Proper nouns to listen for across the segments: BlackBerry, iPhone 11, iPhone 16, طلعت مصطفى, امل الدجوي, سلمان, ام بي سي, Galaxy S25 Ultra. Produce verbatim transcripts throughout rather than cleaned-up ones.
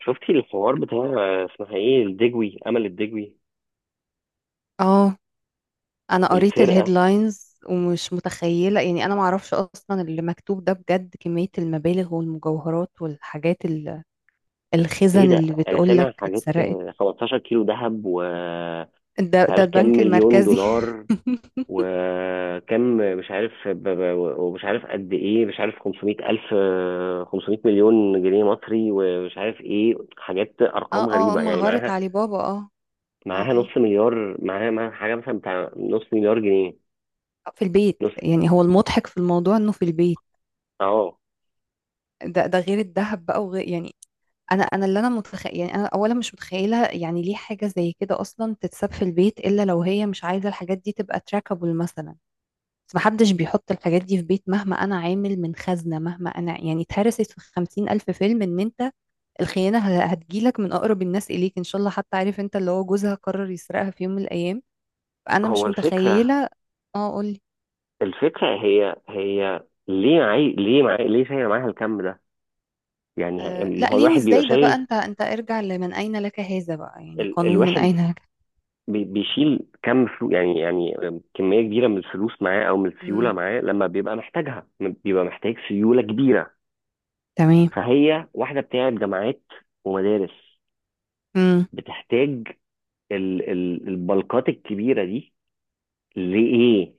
شفتي الحوار بتاع، اسمها ايه، الدجوي، امل الدجوي؟ اه، انا قريت السرقه. الهيدلاينز ومش متخيله، يعني انا معرفش اصلا اللي مكتوب ده بجد، كميه المبالغ والمجوهرات والحاجات ال- ايه الخزن ده؟ اللي انا بتقولك سامع حاجات، اتسرقت. آه، خمستاشر كيلو ذهب، و ده مش ده عارف كام البنك مليون المركزي. دولار، وكم مش عارف ب- ب- ومش عارف قد ايه، مش عارف خمسمئة الف، آه، خمسمئة مليون جنيه مصري، ومش عارف ايه، حاجات اه، ارقام اه، غريبه يعني مغارة معاها. علي بابا. اه، معاها اه نص مليار، معاها معاها حاجه مثلا بتاع نص مليار جنيه. آه، في البيت، نص. يعني هو المضحك في الموضوع انه في البيت. اه. ده ده غير الذهب بقى وغير، يعني انا انا اللي انا متخيل، يعني انا اولا مش متخيله يعني ليه حاجه زي كده اصلا تتساب في البيت الا لو هي مش عايزه الحاجات دي تبقى تراكابل مثلا. بس محدش بيحط الحاجات دي في بيت، مهما أنا عامل من خزنة، مهما أنا، يعني اتهرست في خمسين ألف فيلم إن أنت الخيانة ه- هتجيلك من أقرب الناس إليك إن شاء الله، حتى عارف أنت اللي هو جوزها قرر يسرقها في يوم من الأيام. فأنا هو مش الفكره متخيلة. اه، قولي. الفكرة هي هي. ليه معي، ليه معي، ليه شايل معاها الكم ده؟ يعني آه، لا ما هو ليه الواحد بيبقى وإزاي ده بقى، شايل أنت أنت ارجع لمن أين لك هذا بقى، يعني ال... قانون من الواحد أين لك. بي... بيشيل كم فلوس، يعني يعني كمية كبيرة من الفلوس معاه، أو من السيولة مم. معاه لما بيبقى محتاجها، بيبقى محتاج سيولة كبيرة. تمام. فهي واحدة بتاعت جامعات ومدارس، مم. بتحتاج ال... ال... البلقات الكبيرة دي لإيه؟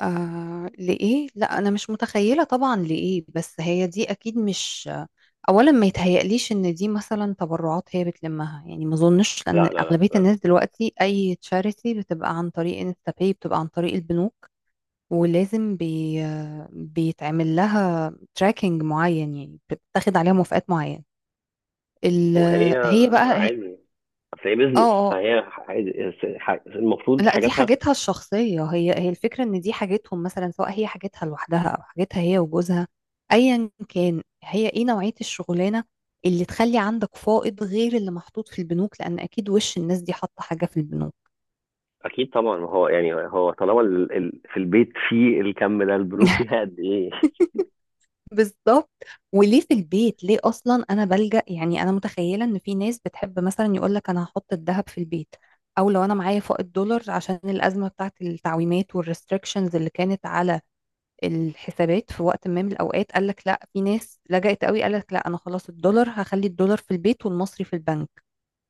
آه، لإيه، لا أنا مش متخيلة طبعا لإيه، بس هي دي أكيد مش، اولا ما يتهيأليش ان دي مثلا تبرعات هي بتلمها، يعني ما اظنش لا، لان لا، لا، اغلبيه لا. الناس دلوقتي اي تشاريتي بتبقى عن طريق انستا باي، بتبقى عن طريق البنوك. ولازم بي بيتعمل لها تراكنج معين، يعني بتاخد عليها موافقات معينه. ال... وهي هي بقى، عادي. اصل هي اه، بيزنس، اه، فهي عادي، المفروض لا دي حاجاتها. حاجتها الشخصية. هي هي الفكرة ان دي حاجتهم مثلا، سواء هي حاجتها لوحدها او حاجتها هي وجوزها، ايا كان هي ايه نوعية الشغلانة اللي تخلي عندك فائض غير اللي محطوط في البنوك، لان اكيد وش الناس دي حاطة حاجة في البنوك. اكيد طبعا، ما هو يعني هو طالما ال... ال... في البيت في الكم ده، البنوك فيها قد ايه؟ بالظبط. وليه في البيت، ليه اصلا انا بلجأ، يعني انا متخيلة ان في ناس بتحب مثلا يقول لك انا هحط الذهب في البيت، او لو انا معايا فائض دولار عشان الازمة بتاعت التعويمات والريستريكشنز اللي كانت على الحسابات في وقت ما من الأوقات. قال لك لا، في ناس لجأت قوي، قال لك لا، أنا خلاص الدولار هخلي الدولار في البيت والمصري في البنك.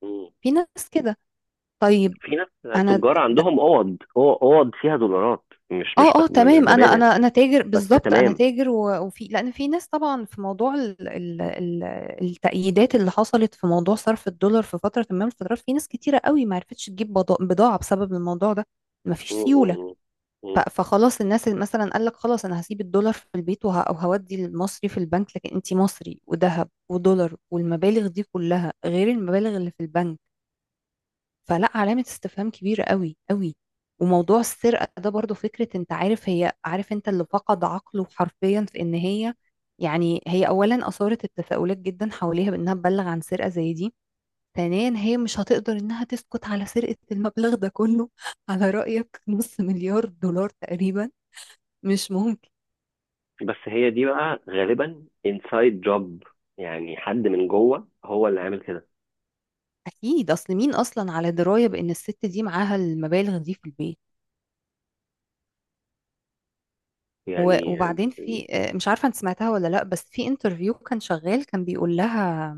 مم. في ناس كده. طيب. في ناس أنا تجار د... عندهم اوض، أو- اوض فيها دولارات. مش مش اه، اه، بك... مش تمام. انا ببالغ، انا انا تاجر بس بالظبط، انا تمام. تاجر و- وفي، لان في ناس طبعا في موضوع ال ال ال التأييدات اللي حصلت في موضوع صرف الدولار في فترة ما من الفترات، في ناس كتيرة قوي ما عرفتش تجيب بضا- بضاعة بسبب الموضوع ده. مفيش مم. سيولة. مم. ف- مم. فخلاص الناس اللي مثلا قال لك خلاص انا هسيب الدولار في البيت وه... او هودي المصري في البنك، لكن انت مصري وذهب ودولار والمبالغ دي كلها غير المبالغ اللي في البنك. فلا، علامة استفهام كبيرة قوي قوي. وموضوع السرقة ده برضو، فكرة انت عارف، هي عارف، انت اللي فقد عقله حرفيا في ان هي، يعني هي اولا اثارت التساؤلات جدا حواليها بانها تبلغ عن سرقة زي دي. ثانيا هي مش هتقدر انها تسكت على سرقة المبلغ ده كله، على رأيك نص مليار دولار تقريبا. مش ممكن. بس هي دي بقى غالبا انسايد جوب، يعني حد من جوه هو اللي عامل كده اكيد، اصل مين اصلا على درايه بان الست دي معاها المبالغ دي في البيت؟ و- يعني. وبعدين في آه، مش عارفه انت سمعتها ولا لا، بس في انترفيو كان شغال كان بيقول لها،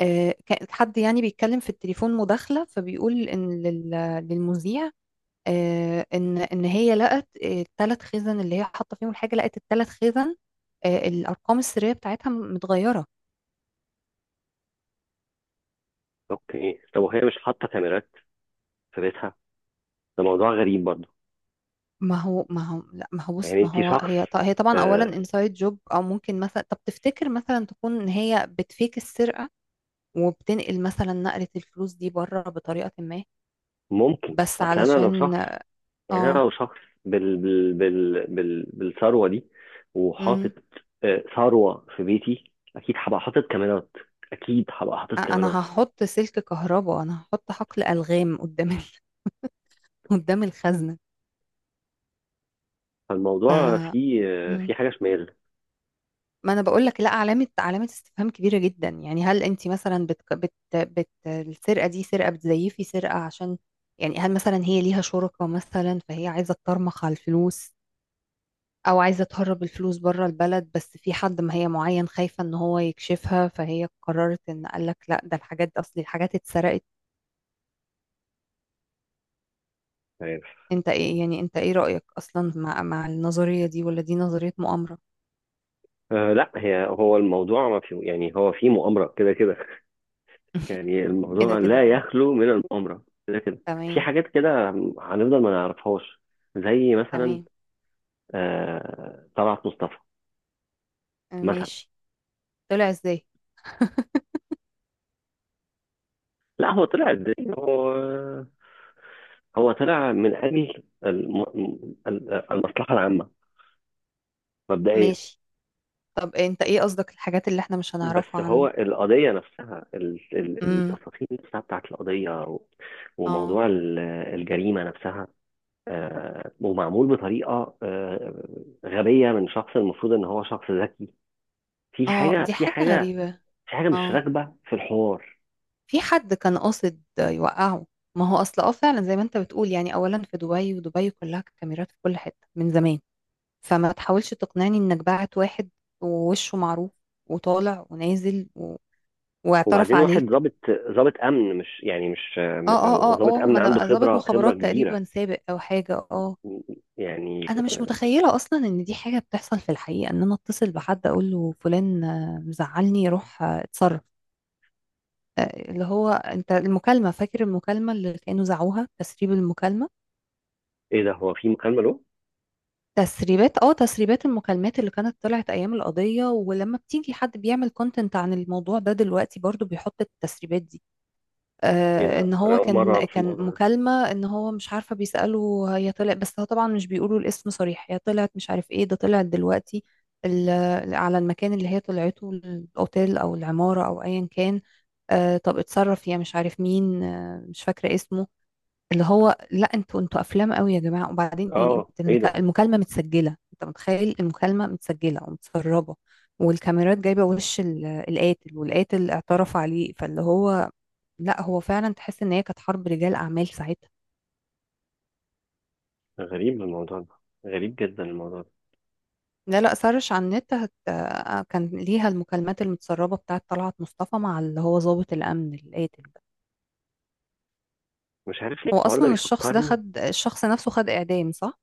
آه، كان حد يعني بيتكلم في التليفون مداخله، فبيقول ان لل- للمذيع آه، ان ان هي لقت الثلاث خزن اللي هي حاطه فيهم الحاجه، لقت الثلاث خزن آه، الارقام السريه بتاعتها متغيره. اوكي، طب وهي مش حاطه كاميرات في بيتها؟ ده موضوع غريب برضه. ما هو ما هو، لا، ما هو بص، يعني ما انت هو شخص، هي ط- هي طبعا اولا آه، انسايد جوب، او ممكن مثلا، طب تفتكر مثلا تكون ان هي بتفيك السرقه وبتنقل مثلا نقله الفلوس دي بره بطريقه ما، ممكن بس اصل انا لو علشان، شخص، يعني أنا اه لو شخص بال بال بال بال بالثروة دي، امم وحاطط آه، ثروة في بيتي، أكيد هبقى حاطط كاميرات. أكيد هبقى حاطط أ- انا كاميرات. هحط سلك كهرباء، انا هحط حقل الغام قدام ال... قدام الخزنه. ف، فالموضوع فيه آه، مم. فيه حاجة شمال. ما انا بقول لك، لا علامه علامه استفهام كبيره جدا. يعني هل انت مثلا بت بت بت السرقه دي سرقه، بتزيفي سرقه عشان، يعني هل مثلا هي ليها شركاء مثلا فهي عايزه تطرمخ على الفلوس، او عايزه تهرب الفلوس بره البلد، بس في حد ما هي معين خايفه ان هو يكشفها، فهي قررت ان قال لك لا، ده الحاجات دي اصلي الحاجات اتسرقت. عارف؟ انت ايه يعني، انت ايه رايك اصلا مع مع النظريه دي، ولا دي نظريه مؤامره؟ آه، لا. هي هو الموضوع ما فيه، يعني هو فيه مؤامرة كده كده. يعني كده الموضوع لا كده. يخلو من المؤامرة كده كده. في تمام. حاجات كده هنفضل ما نعرفهاش، زي مثلا تمام. آه طلعت مصطفى مثلا. ماشي. طلع ازاي؟ لا، هو طلع ازاي؟ هو هو طلع من اجل الم... ال- المصلحه العامه، مبدئيا. ماشي. طب انت ايه قصدك الحاجات اللي احنا مش بس هنعرفها هو عنه؟ القضيه نفسها، ال- ال- امم التفاصيل نفسها بتاعت القضيه، و- اه، وموضوع ال- الجريمه نفسها، آه، ومعمول بطريقه آه، غبيه من شخص المفروض ان هو شخص ذكي. في اه، حاجه، دي في حاجة حاجه غريبة. في حاجه مش اه، راكبه في الحوار. في حد كان قاصد يوقعه. ما هو اصل، اه، فعلا زي ما انت بتقول، يعني اولا في دبي، ودبي كلها كاميرات في كل حتة من زمان، فما تحاولش تقنعني انك باعت واحد ووشه معروف وطالع ونازل و... واعترف وبعدين واحد عليك. ضابط، ضابط امن مش يعني مش اه، آه، اه، اه، ضابط اه، امن ما عنده انا ضابط خبره خبره مخابرات كبيره تقريبا سابق او حاجة. اه، يعني. انا مش متخيله اصلا ان دي حاجه بتحصل في الحقيقه، ان انا اتصل بحد اقول له فلان آه، مزعلني، روح آه، اتصرف آه، اللي هو انت المكالمه، فاكر المكالمه اللي كانوا زعوها، تسريب المكالمه؟ ايه ده، هو في مكالمه له؟ تسريبات، اه تسريبات المكالمات اللي كانت طلعت ايام القضيه، ولما بتيجي حد بيعمل كونتنت عن الموضوع ده دلوقتي برضو بيحط التسريبات دي. ايه آه، ده، ان انا هو اول مره كان اعرف كان الموضوع ده. مكالمة، ان هو مش عارفة بيسأله هي طلعت، بس هو طبعا مش بيقولوا الاسم صريح، هي طلعت مش عارف ايه، ده طلعت دلوقتي ال- على المكان اللي هي طلعته، الاوتيل او العمارة او ايا كان. آه، طب اتصرف يا مش عارف مين، آه مش فاكرة اسمه. اللي هو لا، انتوا انتوا افلام قوي يا جماعة. وبعدين يعني، اه، انت ايه المكا- ده؟ المكالمة متسجلة، انت متخيل المكالمة متسجلة ومتسربة، والكاميرات جايبة وش ال- القاتل، والقاتل اعترف عليه، فاللي هو لا، هو فعلا تحس ان هي كانت حرب رجال اعمال ساعتها. غريب الموضوع ده. غريب جدا الموضوع ده. لا لا، سرش على النت هت... آه، كان ليها المكالمات المتسربه بتاعه طلعت مصطفى مع اللي هو ضابط الامن القاتل ده. مش عارف ليه هو الحوار ده اصلا الشخص ده بيفكرني. خد، الشخص نفسه خد اعدام صح؟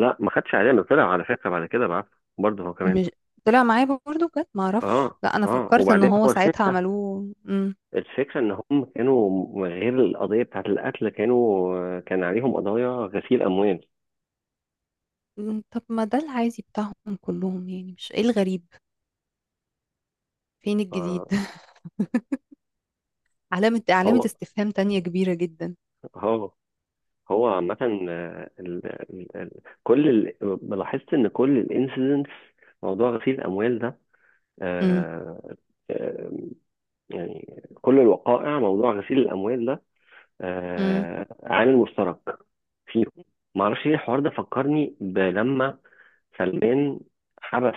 لا، ما خدش، علينا طلع على فكره بعد كده بقى، برضه هو كمان. مش طلع معايا برضه بجد، ما اعرفش، اه، لا انا اه، فكرت ان وبعدين هو هو ساعتها الفكره. عملوه. مم. الفكره ان هم كانوا غير القضيه بتاعت القتل، كانوا كان عليهم قضايا غسيل اموال. مم، طب ما ده العادي بتاعهم كلهم، يعني مش ايه الغريب؟ فين الجديد؟ آه، علامه علامه هو استفهام تانية كبيره جدا. هو هو عامه، آه، ال- ال- ال- كل ال- لاحظت ان كل الانسيدنتس، موضوع غسيل الاموال ده، آه، آه، يعني كل الوقائع موضوع غسيل الأموال ده آه، عامل مشترك فيهم. معرفش ليه الحوار ده فكرني بلما سلمان حبس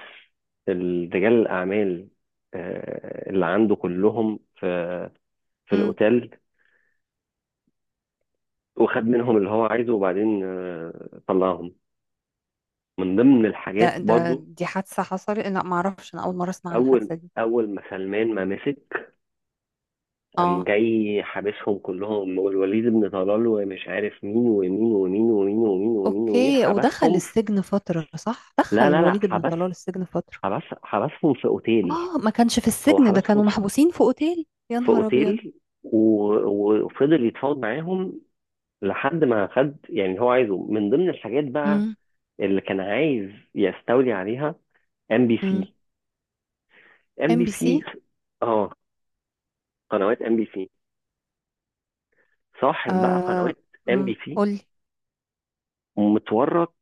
رجال الأعمال آه، اللي عنده كلهم في في امم الأوتيل، وخد منهم اللي هو عايزه، وبعدين آه، طلعهم. من ضمن الحاجات ده ده برضو، دي حادثة حصلت؟ لا ما اعرفش، انا اول مرة اسمع عن أول الحادثة دي. أول ما سلمان ما مسك، قام اه. جاي حابسهم كلهم، والوليد بن طلال ومش عارف مين ومين ومين ومين ومين ومين ومين، اوكي، ودخل حبسهم في- السجن فترة؟ صح، دخل لا، لا، لا، الوليد بن حبس. طلال السجن فترة؟ حبس حبسهم في اوتيل. اه، ما كانش في هو السجن، ده حبسهم كانوا في محبوسين في اوتيل، يا في نهار ابيض. اوتيل، و- وفضل يتفاوض معاهم، لحد ما خد يعني هو عايزه من ضمن الحاجات بقى، امم اللي كان عايز يستولي عليها: ام بي امم سي. ام ام بي بي سي. سي. اه، قنوات ام بي سي. صاحب بقى آه، قنوات ام امم بي سي قولي. متورط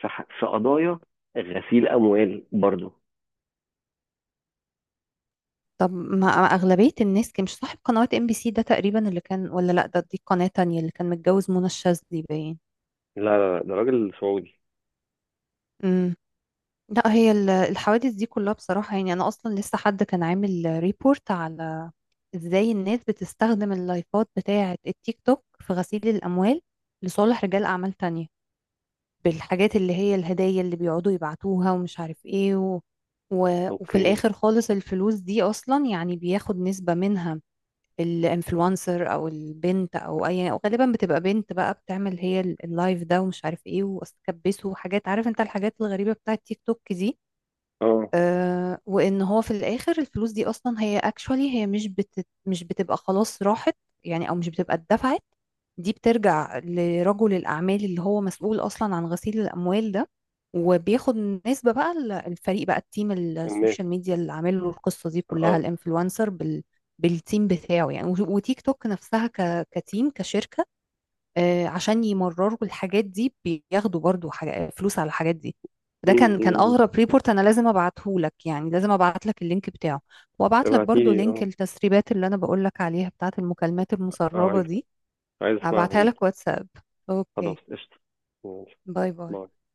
في ح- في قضايا غسيل اموال برضه. طب، ما ما أغلبية الناس، كان مش صاحب قنوات ام بي سي ده تقريبا اللي كان؟ ولا لا، ده دي قناة تانية اللي كان متجوز منى الشاذلي باين. لا، لا، لا، ده راجل سعودي. مم. لا هي ال- الحوادث دي كلها بصراحة، يعني أنا أصلا لسه حد كان عامل ريبورت على إزاي الناس بتستخدم اللايفات بتاعة التيك توك في غسيل الأموال لصالح رجال أعمال تانية، بالحاجات اللي هي الهدايا اللي بيقعدوا يبعتوها ومش عارف إيه و... و... وفي اوكي. الآخر خالص الفلوس دي أصلا، يعني بياخد نسبة منها الانفلونسر أو البنت أو أي، أو غالبا بتبقى بنت بقى، بتعمل هي ال- اللايف ده ومش عارف إيه وأستكبسه وحاجات، عارف أنت الحاجات الغريبة بتاعة تيك توك دي. اه. آه، وان هو في الاخر الفلوس دي اصلا هي اكشوالي، هي مش بت... مش بتبقى خلاص راحت، يعني او مش بتبقى اتدفعت، دي بترجع لرجل الاعمال اللي هو مسؤول اصلا عن غسيل الاموال ده. وبياخد نسبة بقى، ال- الفريق بقى، التيم الناس. السوشيال ميديا اللي عامل له القصة دي كلها، اه. الانفلونسر بال... بالتيم بتاعه يعني، و- وتيك توك نفسها، ك... كتيم كشركة، آه، عشان يمرروا الحاجات دي بياخدوا برضو حاجة فلوس على الحاجات دي. م- ده كان، كان م- م. اغرب ريبورت، انا لازم ابعته لك، يعني لازم ابعت لك اللينك بتاعه، وابعت لك برضو ابعتيلي، لينك اه. التسريبات اللي انا بقول لك عليها، بتاعت المكالمات اه، المسربة عايز. دي. عايز اسمعها ابعتها جدا. لك واتساب. خلاص، اوكي. قشطة. ماشي. باي باي. باي.